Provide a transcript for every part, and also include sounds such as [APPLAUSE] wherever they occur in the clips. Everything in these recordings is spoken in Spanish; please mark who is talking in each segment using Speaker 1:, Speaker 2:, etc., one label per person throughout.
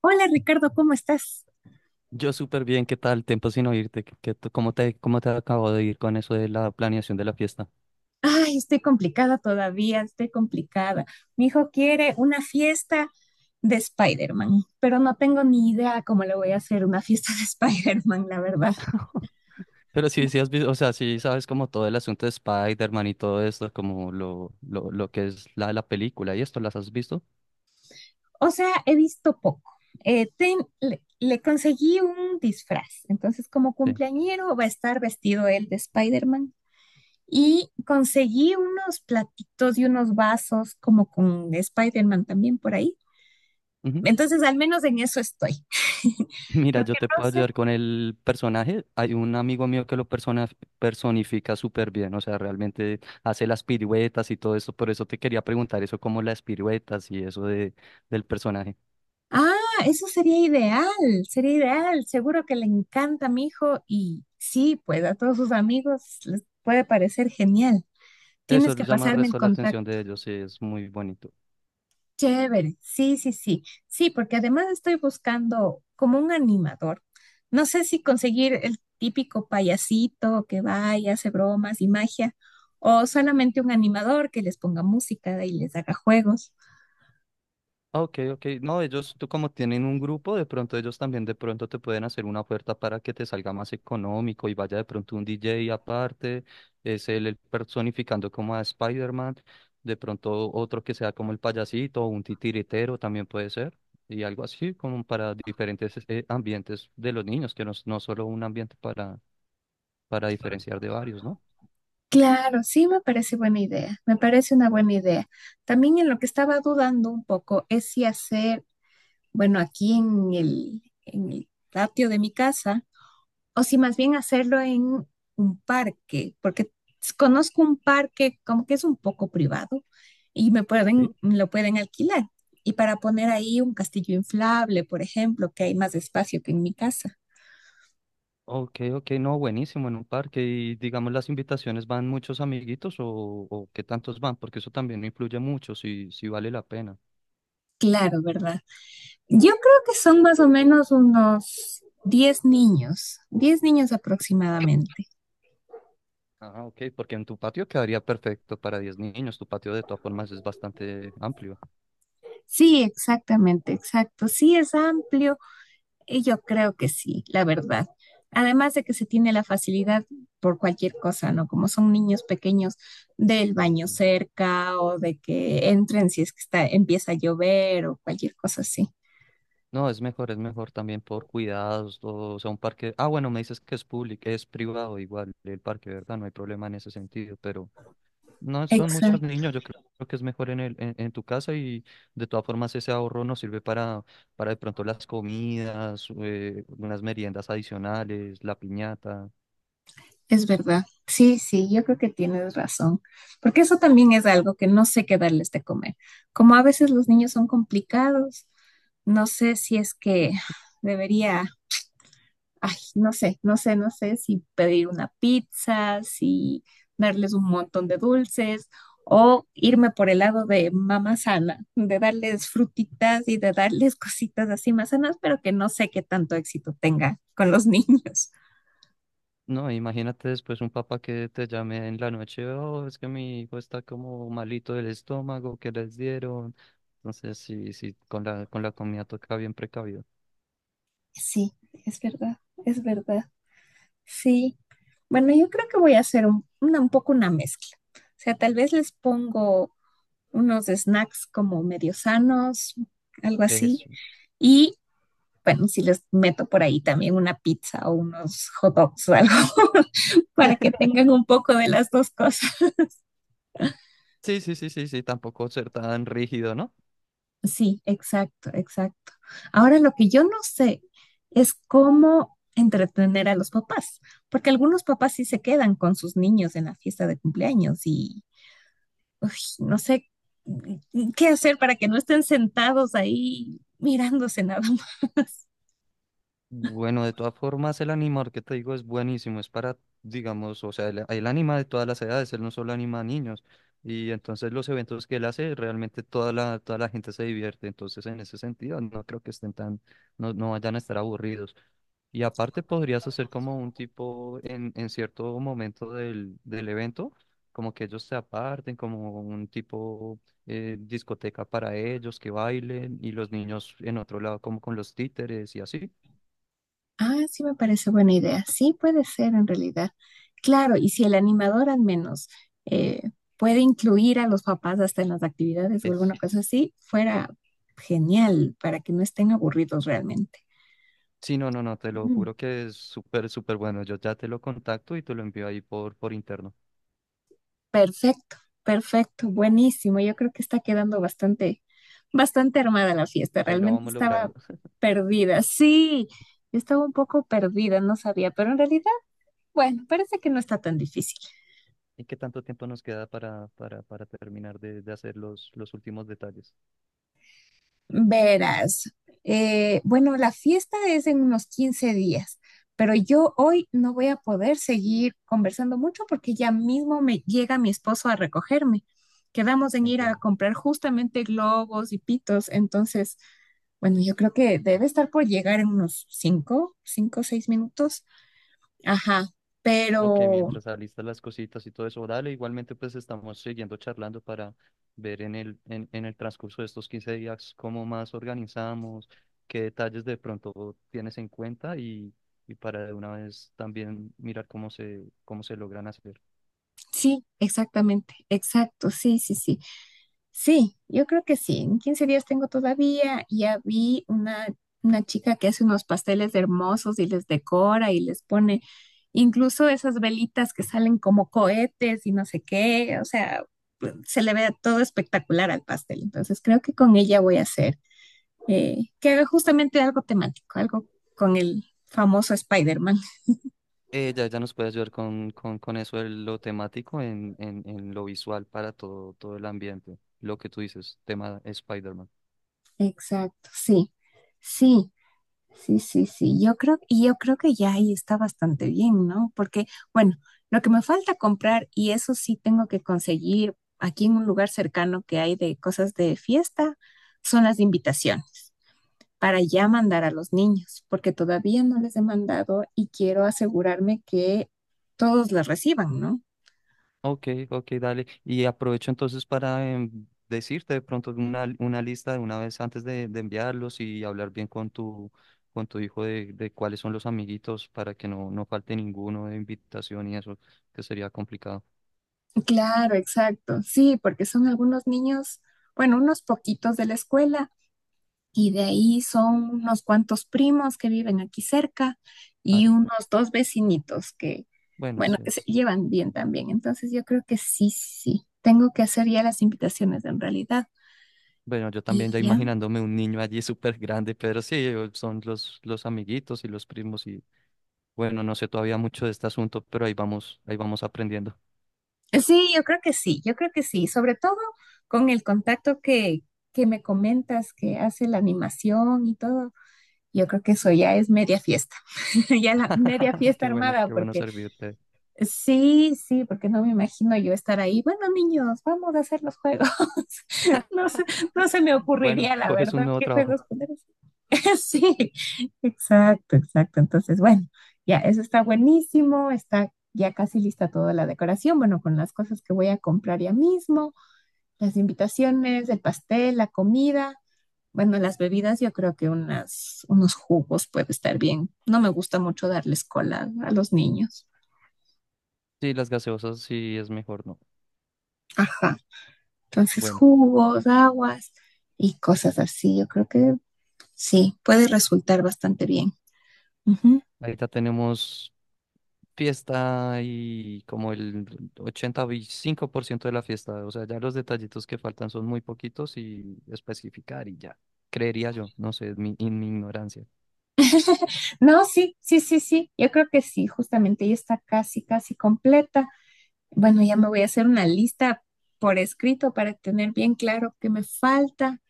Speaker 1: Hola Ricardo, ¿cómo estás?
Speaker 2: Yo súper bien, ¿qué tal? Tiempo sin oírte. ¿Cómo te acabo de ir con eso de la planeación de la fiesta?
Speaker 1: Ay, estoy complicada todavía, estoy complicada. Mi hijo quiere una fiesta de Spider-Man, pero no tengo ni idea cómo le voy a hacer una fiesta de [LAUGHS] Spider-Man, la verdad.
Speaker 2: Pero sí, sí has visto, o sea, sí sabes como todo el asunto de Spider-Man y todo esto, como lo que es la película y esto, ¿las has visto?
Speaker 1: O sea, he visto poco. Le conseguí un disfraz, entonces como
Speaker 2: Sí.
Speaker 1: cumpleañero va a estar vestido él de Spider-Man. Y conseguí unos platitos y unos vasos como con Spider-Man también por ahí.
Speaker 2: Ujú.
Speaker 1: Entonces, al menos en eso estoy. [LAUGHS]
Speaker 2: [LAUGHS] Mira,
Speaker 1: Lo
Speaker 2: yo
Speaker 1: que
Speaker 2: te
Speaker 1: no
Speaker 2: puedo
Speaker 1: sé.
Speaker 2: ayudar con el personaje. Hay un amigo mío que lo personifica súper bien, o sea, realmente hace las piruetas y todo eso. Por eso te quería preguntar eso, como las piruetas y eso del personaje.
Speaker 1: Ah, eso sería ideal, sería ideal. Seguro que le encanta a mi hijo y sí, pues a todos sus amigos les puede parecer genial.
Speaker 2: Eso
Speaker 1: Tienes que
Speaker 2: llama el
Speaker 1: pasarme el
Speaker 2: resto la atención
Speaker 1: contacto.
Speaker 2: de ellos, sí, es muy bonito.
Speaker 1: Chévere, sí, sí, sí. Sí, porque además estoy buscando como un animador. No sé si conseguir el típico payasito que va y hace bromas y magia, o solamente un animador que les ponga música y les haga juegos.
Speaker 2: Ok, ok. No, ellos, tú como tienen un grupo, de pronto ellos también de pronto te pueden hacer una oferta para que te salga más económico y vaya de pronto un DJ aparte, es él el personificando como a Spider-Man, de pronto otro que sea como el payasito o un titiritero también puede ser, y algo así como para diferentes ambientes de los niños, que no, no solo un ambiente para diferenciar de varios, ¿no?
Speaker 1: Claro, sí me parece buena idea, me parece una buena idea. También en lo que estaba dudando un poco es si hacer, bueno, aquí en el patio de mi casa, o si más bien hacerlo en un parque, porque conozco un parque como que es un poco privado y
Speaker 2: Sí.
Speaker 1: lo pueden alquilar. Y para poner ahí un castillo inflable, por ejemplo, que hay más espacio que en mi casa.
Speaker 2: Ok, ok, no, buenísimo, en un parque. Y digamos, las invitaciones van muchos amiguitos o qué tantos van, porque eso también influye mucho si vale la pena.
Speaker 1: Claro, ¿verdad? Yo creo que son más o menos unos 10 niños, 10 niños aproximadamente.
Speaker 2: Ah, ok, porque en tu patio quedaría perfecto para 10 niños, tu patio de todas formas es bastante amplio.
Speaker 1: Sí, exactamente, exacto. Sí, es amplio. Y yo creo que sí, la verdad. Además de que se tiene la facilidad por cualquier cosa, ¿no? Como son niños pequeños del
Speaker 2: Sí.
Speaker 1: baño cerca o de que entren si es que empieza a llover o cualquier cosa así.
Speaker 2: No, es mejor también por cuidados, todo, o sea, un parque. Ah, bueno, me dices que es público, es privado igual el parque, ¿verdad? No hay problema en ese sentido, pero no son muchos
Speaker 1: Exacto.
Speaker 2: niños, yo creo que es mejor en tu casa y de todas formas ese ahorro nos sirve para de pronto las comidas, unas meriendas adicionales, la piñata.
Speaker 1: Es verdad. Sí, sí, yo creo que tienes razón, porque eso también es algo que no sé qué darles de comer. Como a veces los niños son complicados, no sé si es que debería, ay, no sé, no sé, no sé si pedir una pizza, si darles un montón de dulces o irme por el lado de mamá sana, de darles frutitas y de darles cositas así más sanas, pero que no sé qué tanto éxito tenga con los [LAUGHS] niños.
Speaker 2: No, imagínate después un papá que te llame en la noche, oh, es que mi hijo está como malito del estómago, que les dieron. Entonces, sí, sí, con la comida toca bien precavido.
Speaker 1: Sí, es verdad, es verdad. Sí, bueno, yo creo que voy a hacer un poco una mezcla. O sea, tal vez les pongo unos snacks como medio sanos, algo así.
Speaker 2: Eso.
Speaker 1: Y bueno, si les meto por ahí también una pizza o unos hot dogs o algo, [LAUGHS] para que tengan un poco de las dos cosas.
Speaker 2: Sí, sí, sí, sí, sí, tampoco ser tan rígido, ¿no?
Speaker 1: Sí, exacto, exacto. Ahora lo que yo no sé es cómo entretener a los papás, porque algunos papás sí se quedan con sus niños en la fiesta de cumpleaños. Uy, no sé qué hacer para que no estén sentados ahí mirándose nada más. [LAUGHS]
Speaker 2: Bueno, de todas formas, el animador que te digo es buenísimo, es para, digamos, o sea, él anima de todas las edades, él no solo anima a niños, y entonces los eventos que él hace, realmente toda la gente se divierte, entonces en ese sentido no creo que estén tan, no, no vayan a estar aburridos. Y aparte podrías hacer como un tipo en cierto momento del evento, como que ellos se aparten, como un tipo discoteca para ellos, que bailen, y los niños en otro lado como con los títeres y así.
Speaker 1: Ah, sí me parece buena idea. Sí puede ser en realidad. Claro, y si el animador al menos eh, puede incluir a los papás hasta en las actividades o alguna
Speaker 2: Es,
Speaker 1: cosa así, fuera genial para que no estén aburridos realmente.
Speaker 2: sí, no, no, no, te lo
Speaker 1: Mm.
Speaker 2: juro que es súper, súper bueno. Yo ya te lo contacto y te lo envío ahí por interno.
Speaker 1: Perfecto, perfecto, buenísimo. Yo creo que está quedando bastante, bastante armada la fiesta.
Speaker 2: Ahí lo
Speaker 1: Realmente
Speaker 2: vamos
Speaker 1: estaba
Speaker 2: logrando. [LAUGHS]
Speaker 1: perdida. Sí, estaba un poco perdida, no sabía, pero en realidad, bueno, parece que no está tan difícil.
Speaker 2: ¿Y qué tanto tiempo nos queda para terminar de hacer los últimos detalles?
Speaker 1: Verás, bueno, la fiesta es en unos 15 días, pero
Speaker 2: Sí,
Speaker 1: yo hoy no voy a poder seguir conversando mucho porque ya mismo me llega mi esposo a recogerme. Quedamos en ir a
Speaker 2: entiendo.
Speaker 1: comprar justamente globos y pitos, entonces, bueno, yo creo que debe estar por llegar en unos cinco, o 6 minutos. Ajá,
Speaker 2: Ok,
Speaker 1: pero.
Speaker 2: mientras alistas las cositas y todo eso, dale, igualmente pues estamos siguiendo charlando para ver en el transcurso de estos 15 días cómo más organizamos, qué detalles de pronto tienes en cuenta y para de una vez también mirar cómo se logran hacer.
Speaker 1: Sí, exactamente, exacto, sí, sí, sí. Sí, yo creo que sí. En 15 días tengo todavía. Ya vi una chica que hace unos pasteles hermosos y les decora y les pone incluso esas velitas que salen como cohetes y no sé qué. O sea, se le ve todo espectacular al pastel. Entonces creo que con ella voy a hacer que haga justamente algo temático, algo con el famoso Spider-Man.
Speaker 2: Ya nos puede ayudar con eso de lo temático en lo visual para todo, todo el ambiente. Lo que tú dices, tema Spider-Man.
Speaker 1: Exacto, sí, sí. Sí, sí, sí, yo creo, y yo creo que ya ahí está bastante bien, ¿no? Porque, bueno, lo que me falta comprar, y eso sí tengo que conseguir aquí en un lugar cercano que hay de cosas de fiesta, son las invitaciones para ya mandar a los niños, porque todavía no les he mandado y quiero asegurarme que todos las reciban, ¿no?
Speaker 2: Ok, ok, dale. Y aprovecho entonces para decirte de pronto una lista de una vez antes de enviarlos y hablar bien con tu hijo de cuáles son los amiguitos para que no, no falte ninguno de invitación y eso, que sería complicado.
Speaker 1: Claro, exacto, sí, porque son algunos niños, bueno, unos poquitos de la escuela. Y de ahí son unos cuantos primos que viven aquí cerca
Speaker 2: Ah,
Speaker 1: y
Speaker 2: ya.
Speaker 1: unos dos vecinitos que,
Speaker 2: Bueno,
Speaker 1: bueno, que
Speaker 2: sí.
Speaker 1: se llevan bien también. Entonces yo creo que sí, sí, tengo que hacer ya las invitaciones en realidad.
Speaker 2: Bueno, yo
Speaker 1: Y
Speaker 2: también ya
Speaker 1: ya.
Speaker 2: imaginándome un niño allí súper grande, pero sí, son los amiguitos y los primos y bueno, no sé todavía mucho de este asunto, pero ahí vamos aprendiendo.
Speaker 1: Sí, yo creo que sí, yo creo que sí. Sobre todo con el contacto que me comentas que hace la animación y todo. Yo creo que eso ya es media fiesta, [LAUGHS] ya la media
Speaker 2: [LAUGHS]
Speaker 1: fiesta armada,
Speaker 2: Qué bueno
Speaker 1: porque.
Speaker 2: servirte.
Speaker 1: Sí, sí, porque no me imagino yo estar ahí. Bueno, niños, vamos a hacer los juegos. [LAUGHS] No se, no se, me ocurriría,
Speaker 2: Bueno,
Speaker 1: la
Speaker 2: coges un
Speaker 1: verdad,
Speaker 2: nuevo
Speaker 1: qué
Speaker 2: trabajo.
Speaker 1: juegos poner. [LAUGHS] Sí, exacto, exacto. Entonces, bueno, ya, eso está buenísimo, está ya casi lista toda la decoración, bueno, con las cosas que voy a comprar ya mismo, las invitaciones, el pastel, la comida, bueno, las bebidas, yo creo que unos jugos puede estar bien. No me gusta mucho darles cola a los niños.
Speaker 2: Sí, las gaseosas sí es mejor, ¿no?
Speaker 1: Ajá. Entonces,
Speaker 2: Bueno,
Speaker 1: jugos, aguas y cosas así. Yo creo que sí, puede resultar bastante bien. Ujú.
Speaker 2: ahorita tenemos fiesta y como el 85% de la fiesta, o sea, ya los detallitos que faltan son muy poquitos y especificar y ya, creería yo, no sé, en mi ignorancia.
Speaker 1: No, sí, sí, sí, sí. Yo creo que sí, justamente ya está casi, casi completa. Bueno, ya me voy a hacer una lista por escrito para tener bien claro qué me falta.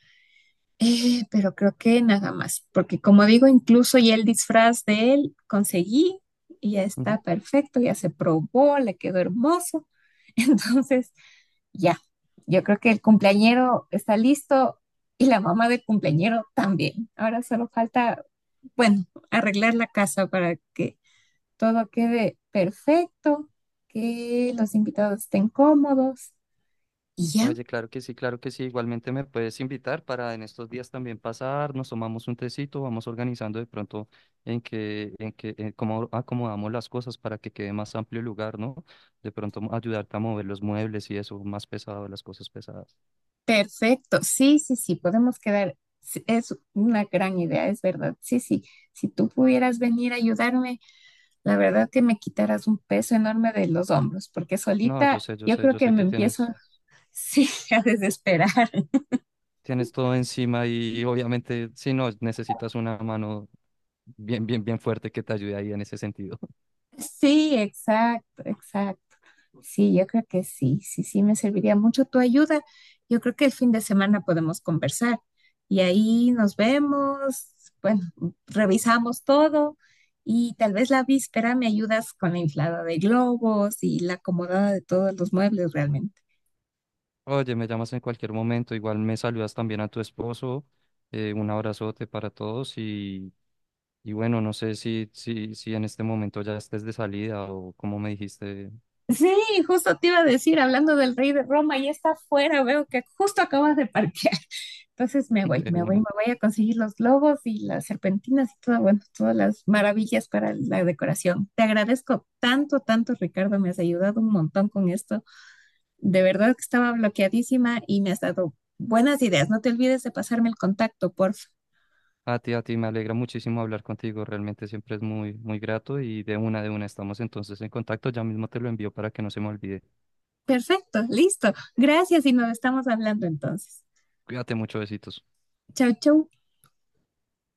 Speaker 1: Pero creo que nada más, porque como digo, incluso ya el disfraz de él conseguí y ya está perfecto, ya se probó, le quedó hermoso. [LAUGHS] Entonces, ya, yo creo que el cumpleañero está listo y la mamá del cumpleañero también. Ahora solo falta, bueno, arreglar la casa para que todo quede perfecto, que los invitados estén cómodos y ya,
Speaker 2: Oye, claro que sí, claro que sí. Igualmente me puedes invitar para en estos días también pasar, nos tomamos un tecito, vamos organizando de pronto en cómo acomodamos las cosas para que quede más amplio el lugar, ¿no? De pronto ayudarte a mover los muebles y eso, más pesado, las cosas pesadas.
Speaker 1: perfecto. Sí, sí, sí, podemos quedar. Sí, es una gran idea, es verdad. Sí, sí, si tú pudieras venir a ayudarme, la verdad que me quitaras un peso enorme de los hombros, porque
Speaker 2: No, yo
Speaker 1: solita
Speaker 2: sé, yo
Speaker 1: yo
Speaker 2: sé,
Speaker 1: creo
Speaker 2: yo
Speaker 1: que
Speaker 2: sé
Speaker 1: me
Speaker 2: que
Speaker 1: empiezo,
Speaker 2: tienes,
Speaker 1: sí, [LAUGHS] a desesperar.
Speaker 2: tienes todo encima y, obviamente, si no, necesitas una mano bien, bien, bien fuerte que te ayude ahí en ese sentido.
Speaker 1: Sí, exacto, exacto. Sí, yo creo que sí, sí, sí, me serviría mucho tu ayuda. Yo creo que el fin de semana podemos conversar y ahí nos vemos, bueno, revisamos todo y tal vez la víspera me ayudas con la inflada de globos y la acomodada de todos los muebles realmente.
Speaker 2: Oye, me llamas en cualquier momento, igual me saludas también a tu esposo, un abrazote para todos y bueno, no sé si en este momento ya estés de salida o como me dijiste
Speaker 1: Sí, justo te iba a decir, hablando del rey de Roma, ya está afuera, veo que justo acabas de parquear. [LAUGHS] Entonces me
Speaker 2: [LAUGHS]
Speaker 1: voy,
Speaker 2: de
Speaker 1: me voy, me
Speaker 2: una.
Speaker 1: voy a conseguir los globos y las serpentinas y todo, bueno, todas las maravillas para la decoración. Te agradezco tanto, tanto, Ricardo, me has ayudado un montón con esto. De verdad que estaba bloqueadísima y me has dado buenas ideas. No te olvides de pasarme el contacto, por favor.
Speaker 2: A ti, me alegra muchísimo hablar contigo, realmente siempre es muy, muy grato y de una estamos entonces en contacto, ya mismo te lo envío para que no se me olvide.
Speaker 1: Perfecto, listo. Gracias y nos estamos hablando entonces.
Speaker 2: Cuídate mucho, besitos.
Speaker 1: Chau, chau.